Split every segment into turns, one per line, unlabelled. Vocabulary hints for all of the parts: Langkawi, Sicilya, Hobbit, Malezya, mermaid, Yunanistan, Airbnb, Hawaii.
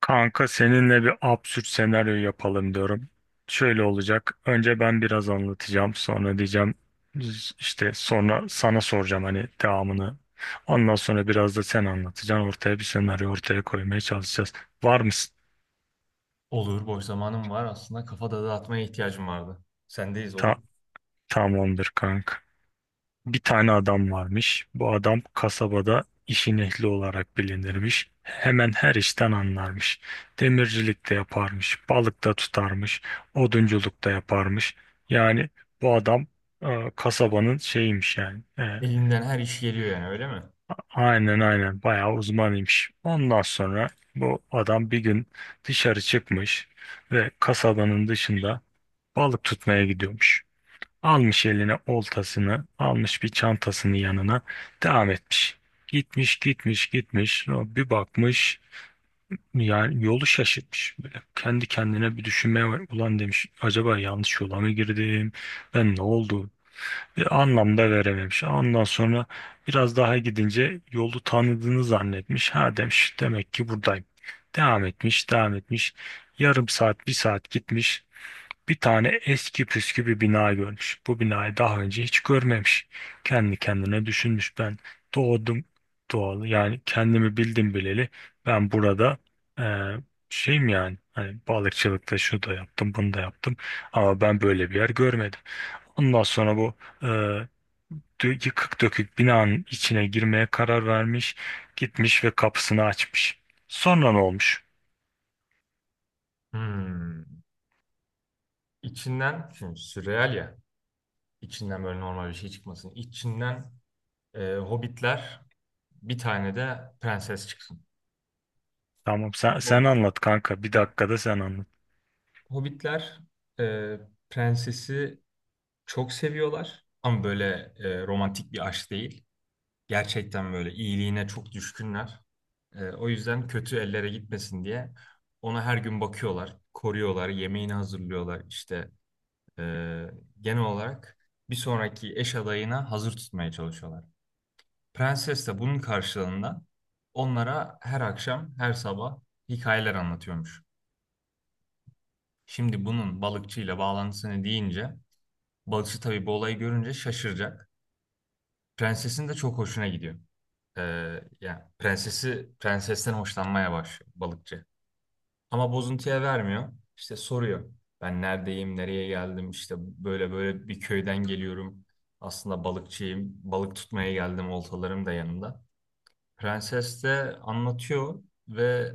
Kanka seninle bir absürt senaryo yapalım diyorum. Şöyle olacak. Önce ben biraz anlatacağım. Sonra diyeceğim işte sonra sana soracağım hani devamını. Ondan sonra biraz da sen anlatacaksın. Ortaya bir senaryo ortaya koymaya çalışacağız. Var mısın?
Olur, boş zamanım var. Aslında kafa da dağıtmaya ihtiyacım vardı. Sendeyiz olur.
Ta- tamamdır kanka. Bir tane adam varmış. Bu adam kasabada işin ehli olarak bilinirmiş. Hemen her işten anlarmış. Demircilik de yaparmış, balık da tutarmış, odunculuk da yaparmış. Yani bu adam kasabanın şeyiymiş yani.
Elinden her iş geliyor yani öyle mi?
Aynen, aynen, bayağı uzmanıymış. Ondan sonra bu adam bir gün dışarı çıkmış ve kasabanın dışında balık tutmaya gidiyormuş. Almış eline oltasını, almış bir çantasını yanına, devam etmiş. Gitmiş, gitmiş, gitmiş. bir bakmış, yani yolu şaşırtmış. Böyle kendi kendine bir düşünmeye var. Ulan demiş, acaba yanlış yola mı girdim? Ben ne oldu? Bir anlam da verememiş. Ondan sonra biraz daha gidince yolu tanıdığını zannetmiş. Ha demiş, demek ki buradayım. Devam etmiş, devam etmiş. Yarım saat, bir saat gitmiş. Bir tane eski püskü bir bina görmüş. Bu binayı daha önce hiç görmemiş. Kendi kendine düşünmüş. Ben doğdum doğalı, yani kendimi bildim bileli, ben burada eee şeyim, yani hani balıkçılıkta şunu da yaptım bunu da yaptım. Ama ben böyle bir yer görmedim. Ondan sonra bu eee, yıkık dökük binanın içine girmeye karar vermiş. Gitmiş ve kapısını açmış. Sonra ne olmuş?
Hmm. İçinden, şimdi sürreal ya. İçinden böyle normal bir şey çıkmasın. İçinden Hobbitler, bir tane de prenses çıksın.
Tamam sen
Bu
anlat kanka, bir dakikada sen anlat.
Hobbitler e, prensesi çok seviyorlar. Ama böyle romantik bir aşk değil. Gerçekten böyle iyiliğine çok düşkünler. O yüzden kötü ellere gitmesin diye ona her gün bakıyorlar, koruyorlar, yemeğini hazırlıyorlar. İşte ee, genel olarak bir sonraki eş adayına hazır tutmaya çalışıyorlar. Prenses de bunun karşılığında onlara her akşam, her sabah hikayeler anlatıyormuş. Şimdi bunun balıkçıyla bağlantısını deyince, balıkçı tabii bu olayı görünce şaşıracak. Prensesin de çok hoşuna gidiyor. Yani prensesten hoşlanmaya başlıyor balıkçı. Ama bozuntuya vermiyor. İşte soruyor. Ben neredeyim, nereye geldim? İşte böyle böyle bir köyden geliyorum. Aslında balıkçıyım. Balık tutmaya geldim. Oltalarım da yanımda. Prenses de anlatıyor ve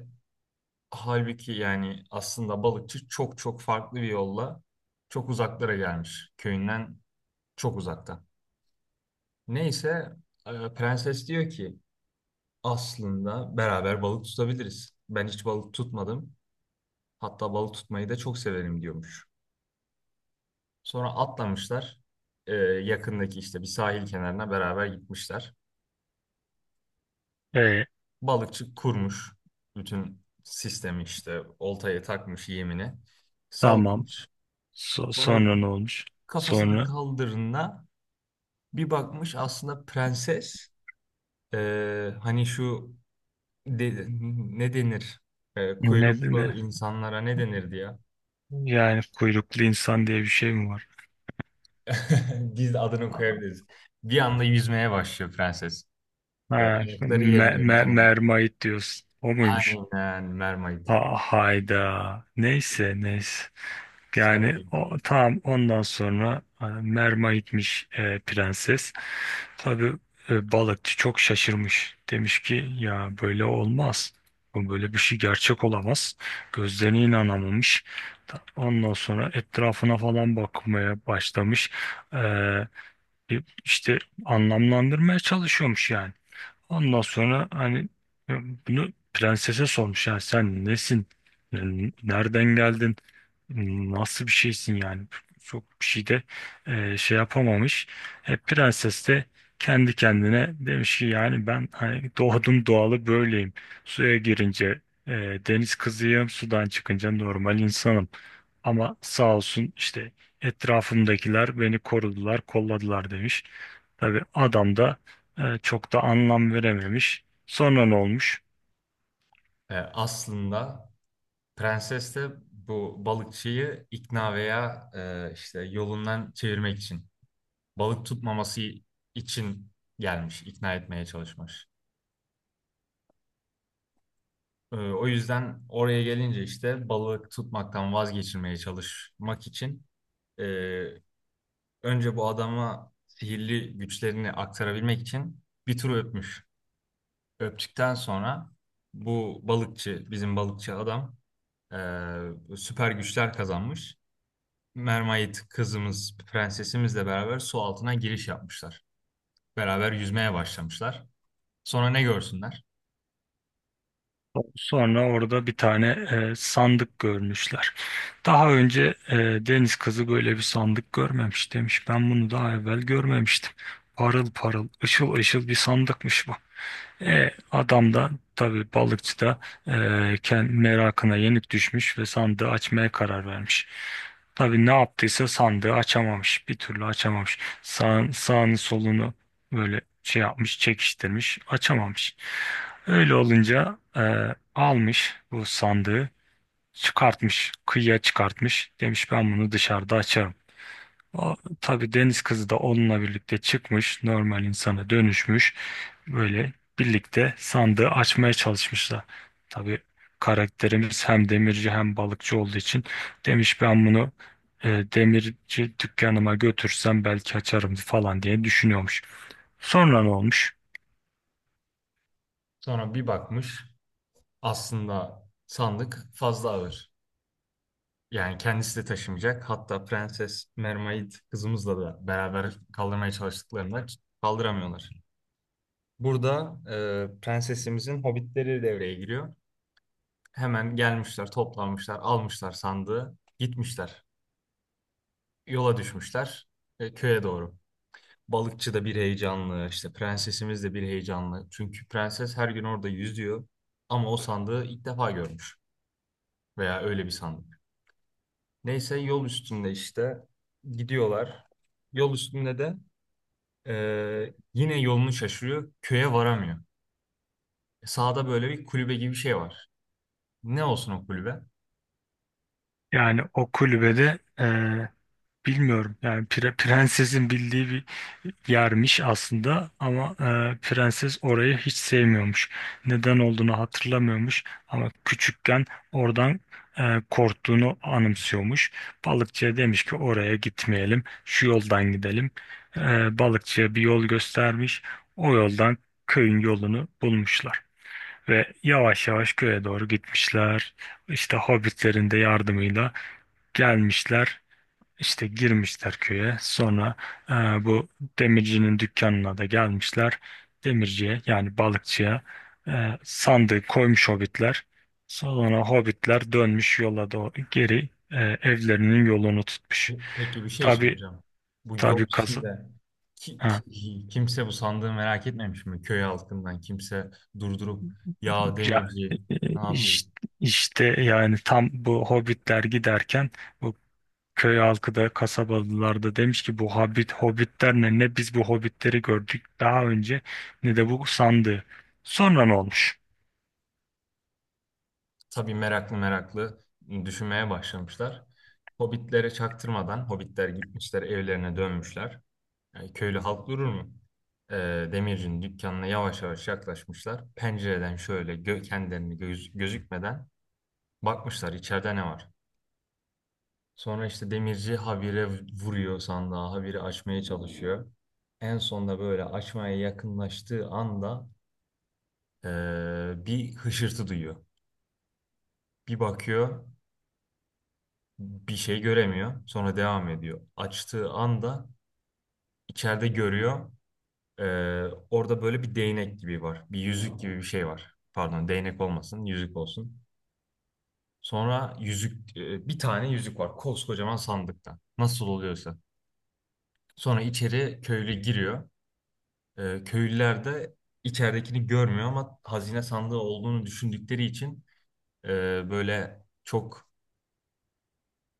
halbuki yani aslında balıkçı çok çok farklı bir yolla çok uzaklara gelmiş. Köyünden çok uzakta. Neyse prenses diyor ki aslında beraber balık tutabiliriz. Ben hiç balık tutmadım. Hatta balık tutmayı da çok severim diyormuş. Sonra atlamışlar. Yakındaki işte bir sahil kenarına beraber gitmişler.
Ee,
Balıkçı kurmuş. Bütün sistemi işte oltaya takmış yemini.
Tamam.
Sallamış.
So-
Sonra
sonra ne olmuş?
kafasını
Sonra
kaldırına bir bakmış aslında prenses. Hani şu de- ne denir? Ee,
ne,
kuyruklu
ne
insanlara ne denirdi ya?
yani kuyruklu insan diye bir şey mi var?
Biz de adını koyabiliriz. Bir anda yüzmeye başlıyor prenses. Ee,
Ha,
ayakları yerine
me-
bir
me-
tane.
mermaid diyorsun. O muymuş?
Aynen mermaid.
Ha, hayda. Neyse, neyse.
Sen
Yani
de-
o, tamam ondan sonra merma gitmiş, prenses. Tabii balıkçı çok şaşırmış. Demiş ki ya böyle olmaz. Bu böyle bir şey gerçek olamaz. Gözlerine inanamamış. Ondan sonra etrafına falan bakmaya başlamış. E, işte anlamlandırmaya çalışıyormuş yani. Ondan sonra hani e, bunu prensese sormuş, ya sen nesin? Yani nereden geldin? Nasıl bir şeysin yani? Çok bir şey de şey yapamamış. Prenses de kendi kendine demiş ki, yani ben hani doğdum doğalı böyleyim. Suya girince e, deniz kızıyım, sudan çıkınca normal insanım. Ama sağ olsun işte etrafımdakiler beni korudular, kolladılar demiş. Tabii adam da çok da anlam verememiş. Sonra ne olmuş?
aslında prenses de bu balıkçıyı ikna veya işte yolundan çevirmek için. Balık tutmaması için gelmiş, ikna etmeye çalışmış. O yüzden oraya gelince işte balık tutmaktan vazgeçirmeye çalışmak için e, önce bu adama sihirli güçlerini aktarabilmek için bir tur öpmüş. Öptükten sonra bizim balıkçı adam süper güçler kazanmış. Mermaid kızımız, prensesimizle beraber su altına giriş yapmışlar. Beraber yüzmeye başlamışlar. Sonra ne görsünler?
Sonra orada bir tane sandık görmüşler. Daha önce deniz kızı böyle bir sandık görmemiş demiş. Ben bunu daha evvel görmemiştim. Parıl parıl, ışıl ışıl bir sandıkmış bu. Adam da, tabii balıkçı da, e, merakına yenik düşmüş ve sandığı açmaya karar vermiş. Tabii ne yaptıysa sandığı açamamış. Bir türlü açamamış. Sağını solunu böyle şey yapmış, çekiştirmiş, açamamış. Öyle olunca almış bu sandığı, çıkartmış, kıyıya çıkartmış. Demiş ben bunu dışarıda açarım. O, tabii deniz kızı da onunla birlikte çıkmış, normal insana dönüşmüş. Böyle birlikte sandığı açmaya çalışmışlar. Tabii karakterimiz hem demirci hem balıkçı olduğu için demiş ben bunu demirci dükkanıma götürsem belki açarım falan diye düşünüyormuş. Sonra ne olmuş?
Sonra bir bakmış aslında sandık fazla ağır. Yani kendisi de taşımayacak. Hatta Prenses Mermaid kızımızla da beraber kaldırmaya çalıştıklarında kaldıramıyorlar. Burada prensesimizin hobbitleri devreye giriyor. Hemen gelmişler, toplanmışlar, almışlar sandığı, gitmişler. Yola düşmüşler köye doğru. Balıkçı da bir heyecanlı, işte prensesimiz de bir heyecanlı. Çünkü prenses her gün orada yüzüyor ama o sandığı ilk defa görmüş veya öyle bir sandık. Neyse yol üstünde işte gidiyorlar. Yol üstünde de yine yolunu şaşırıyor, köye varamıyor. Sağda böyle bir kulübe gibi bir şey var. Ne olsun o kulübe?
Yani o kulübede, bilmiyorum yani prensesin bildiği bir yarmiş aslında, ama prenses orayı hiç sevmiyormuş. Neden olduğunu hatırlamıyormuş ama küçükken oradan korktuğunu anımsıyormuş. Balıkçıya demiş ki oraya gitmeyelim, şu yoldan gidelim. Balıkçıya bir yol göstermiş. O yoldan köyün yolunu bulmuşlar. Ve yavaş yavaş köye doğru gitmişler. İşte hobbitlerin de yardımıyla gelmişler. İşte girmişler köye. Sonra e, bu demircinin dükkanına da gelmişler. Demirciye, yani balıkçıya, sandığı koymuş hobbitler. Sonra hobbitler dönmüş yola doğru geri, evlerinin yolunu tutmuş.
Peki bir şey
Tabii,
soracağım. Bu yol
tabii kazı
üstünde
ha,
kimse bu sandığı merak etmemiş mi? Köy halkından kimse durdurup ya
ya,
demirci
e,
ne yapıyor?
işte, işte yani tam bu hobbitler giderken bu köy halkı da, kasabalılar da demiş ki bu hobbitler ne biz bu hobbitleri gördük daha önce, ne de bu sandığı. Sonra ne olmuş?
Tabii meraklı meraklı düşünmeye başlamışlar. Hobbitlere çaktırmadan hobbitler gitmişler evlerine dönmüşler. Yani köylü halk durur mu? Ee, demircinin dükkanına yavaş yavaş yaklaşmışlar. Pencereden şöyle gö kendilerini göz gözükmeden bakmışlar içeride ne var? Sonra işte demirci habire vuruyor sandığa, habire açmaya çalışıyor. En sonunda böyle açmaya yakınlaştığı anda bir hışırtı duyuyor. Bir bakıyor, bir şey göremiyor. Sonra devam ediyor. Açtığı anda içeride görüyor. Orada böyle bir değnek gibi var. Bir yüzük gibi bir şey var. Pardon, değnek olmasın, yüzük olsun. Sonra bir tane yüzük var koskocaman sandıkta. Nasıl oluyorsa. Sonra içeri köylü giriyor. Köylüler de içeridekini görmüyor ama hazine sandığı olduğunu düşündükleri için e, böyle çok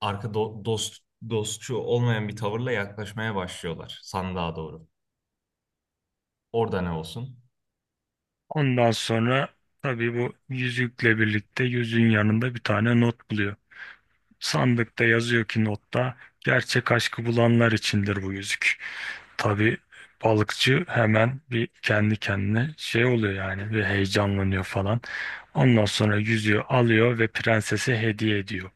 dost dostçu olmayan bir tavırla yaklaşmaya başlıyorlar sandığa doğru. Orada ne olsun?
Ondan sonra tabii bu yüzükle birlikte yüzüğün yanında bir tane not buluyor. Sandıkta yazıyor ki, notta, gerçek aşkı bulanlar içindir bu yüzük. Tabii balıkçı hemen bir kendi kendine şey oluyor yani, ve heyecanlanıyor falan. Ondan sonra yüzüğü alıyor ve prensese hediye ediyor.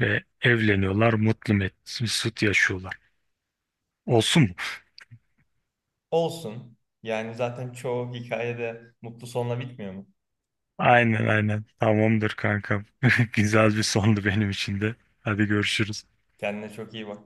Ve evleniyorlar, mutlu mesut yaşıyorlar. Olsun mu?
Olsun. Yani zaten çoğu hikayede mutlu sonla bitmiyor mu?
Aynen, aynen. Tamamdır kankam. Güzel bir sondu benim için de. Hadi görüşürüz.
Kendine çok iyi bak.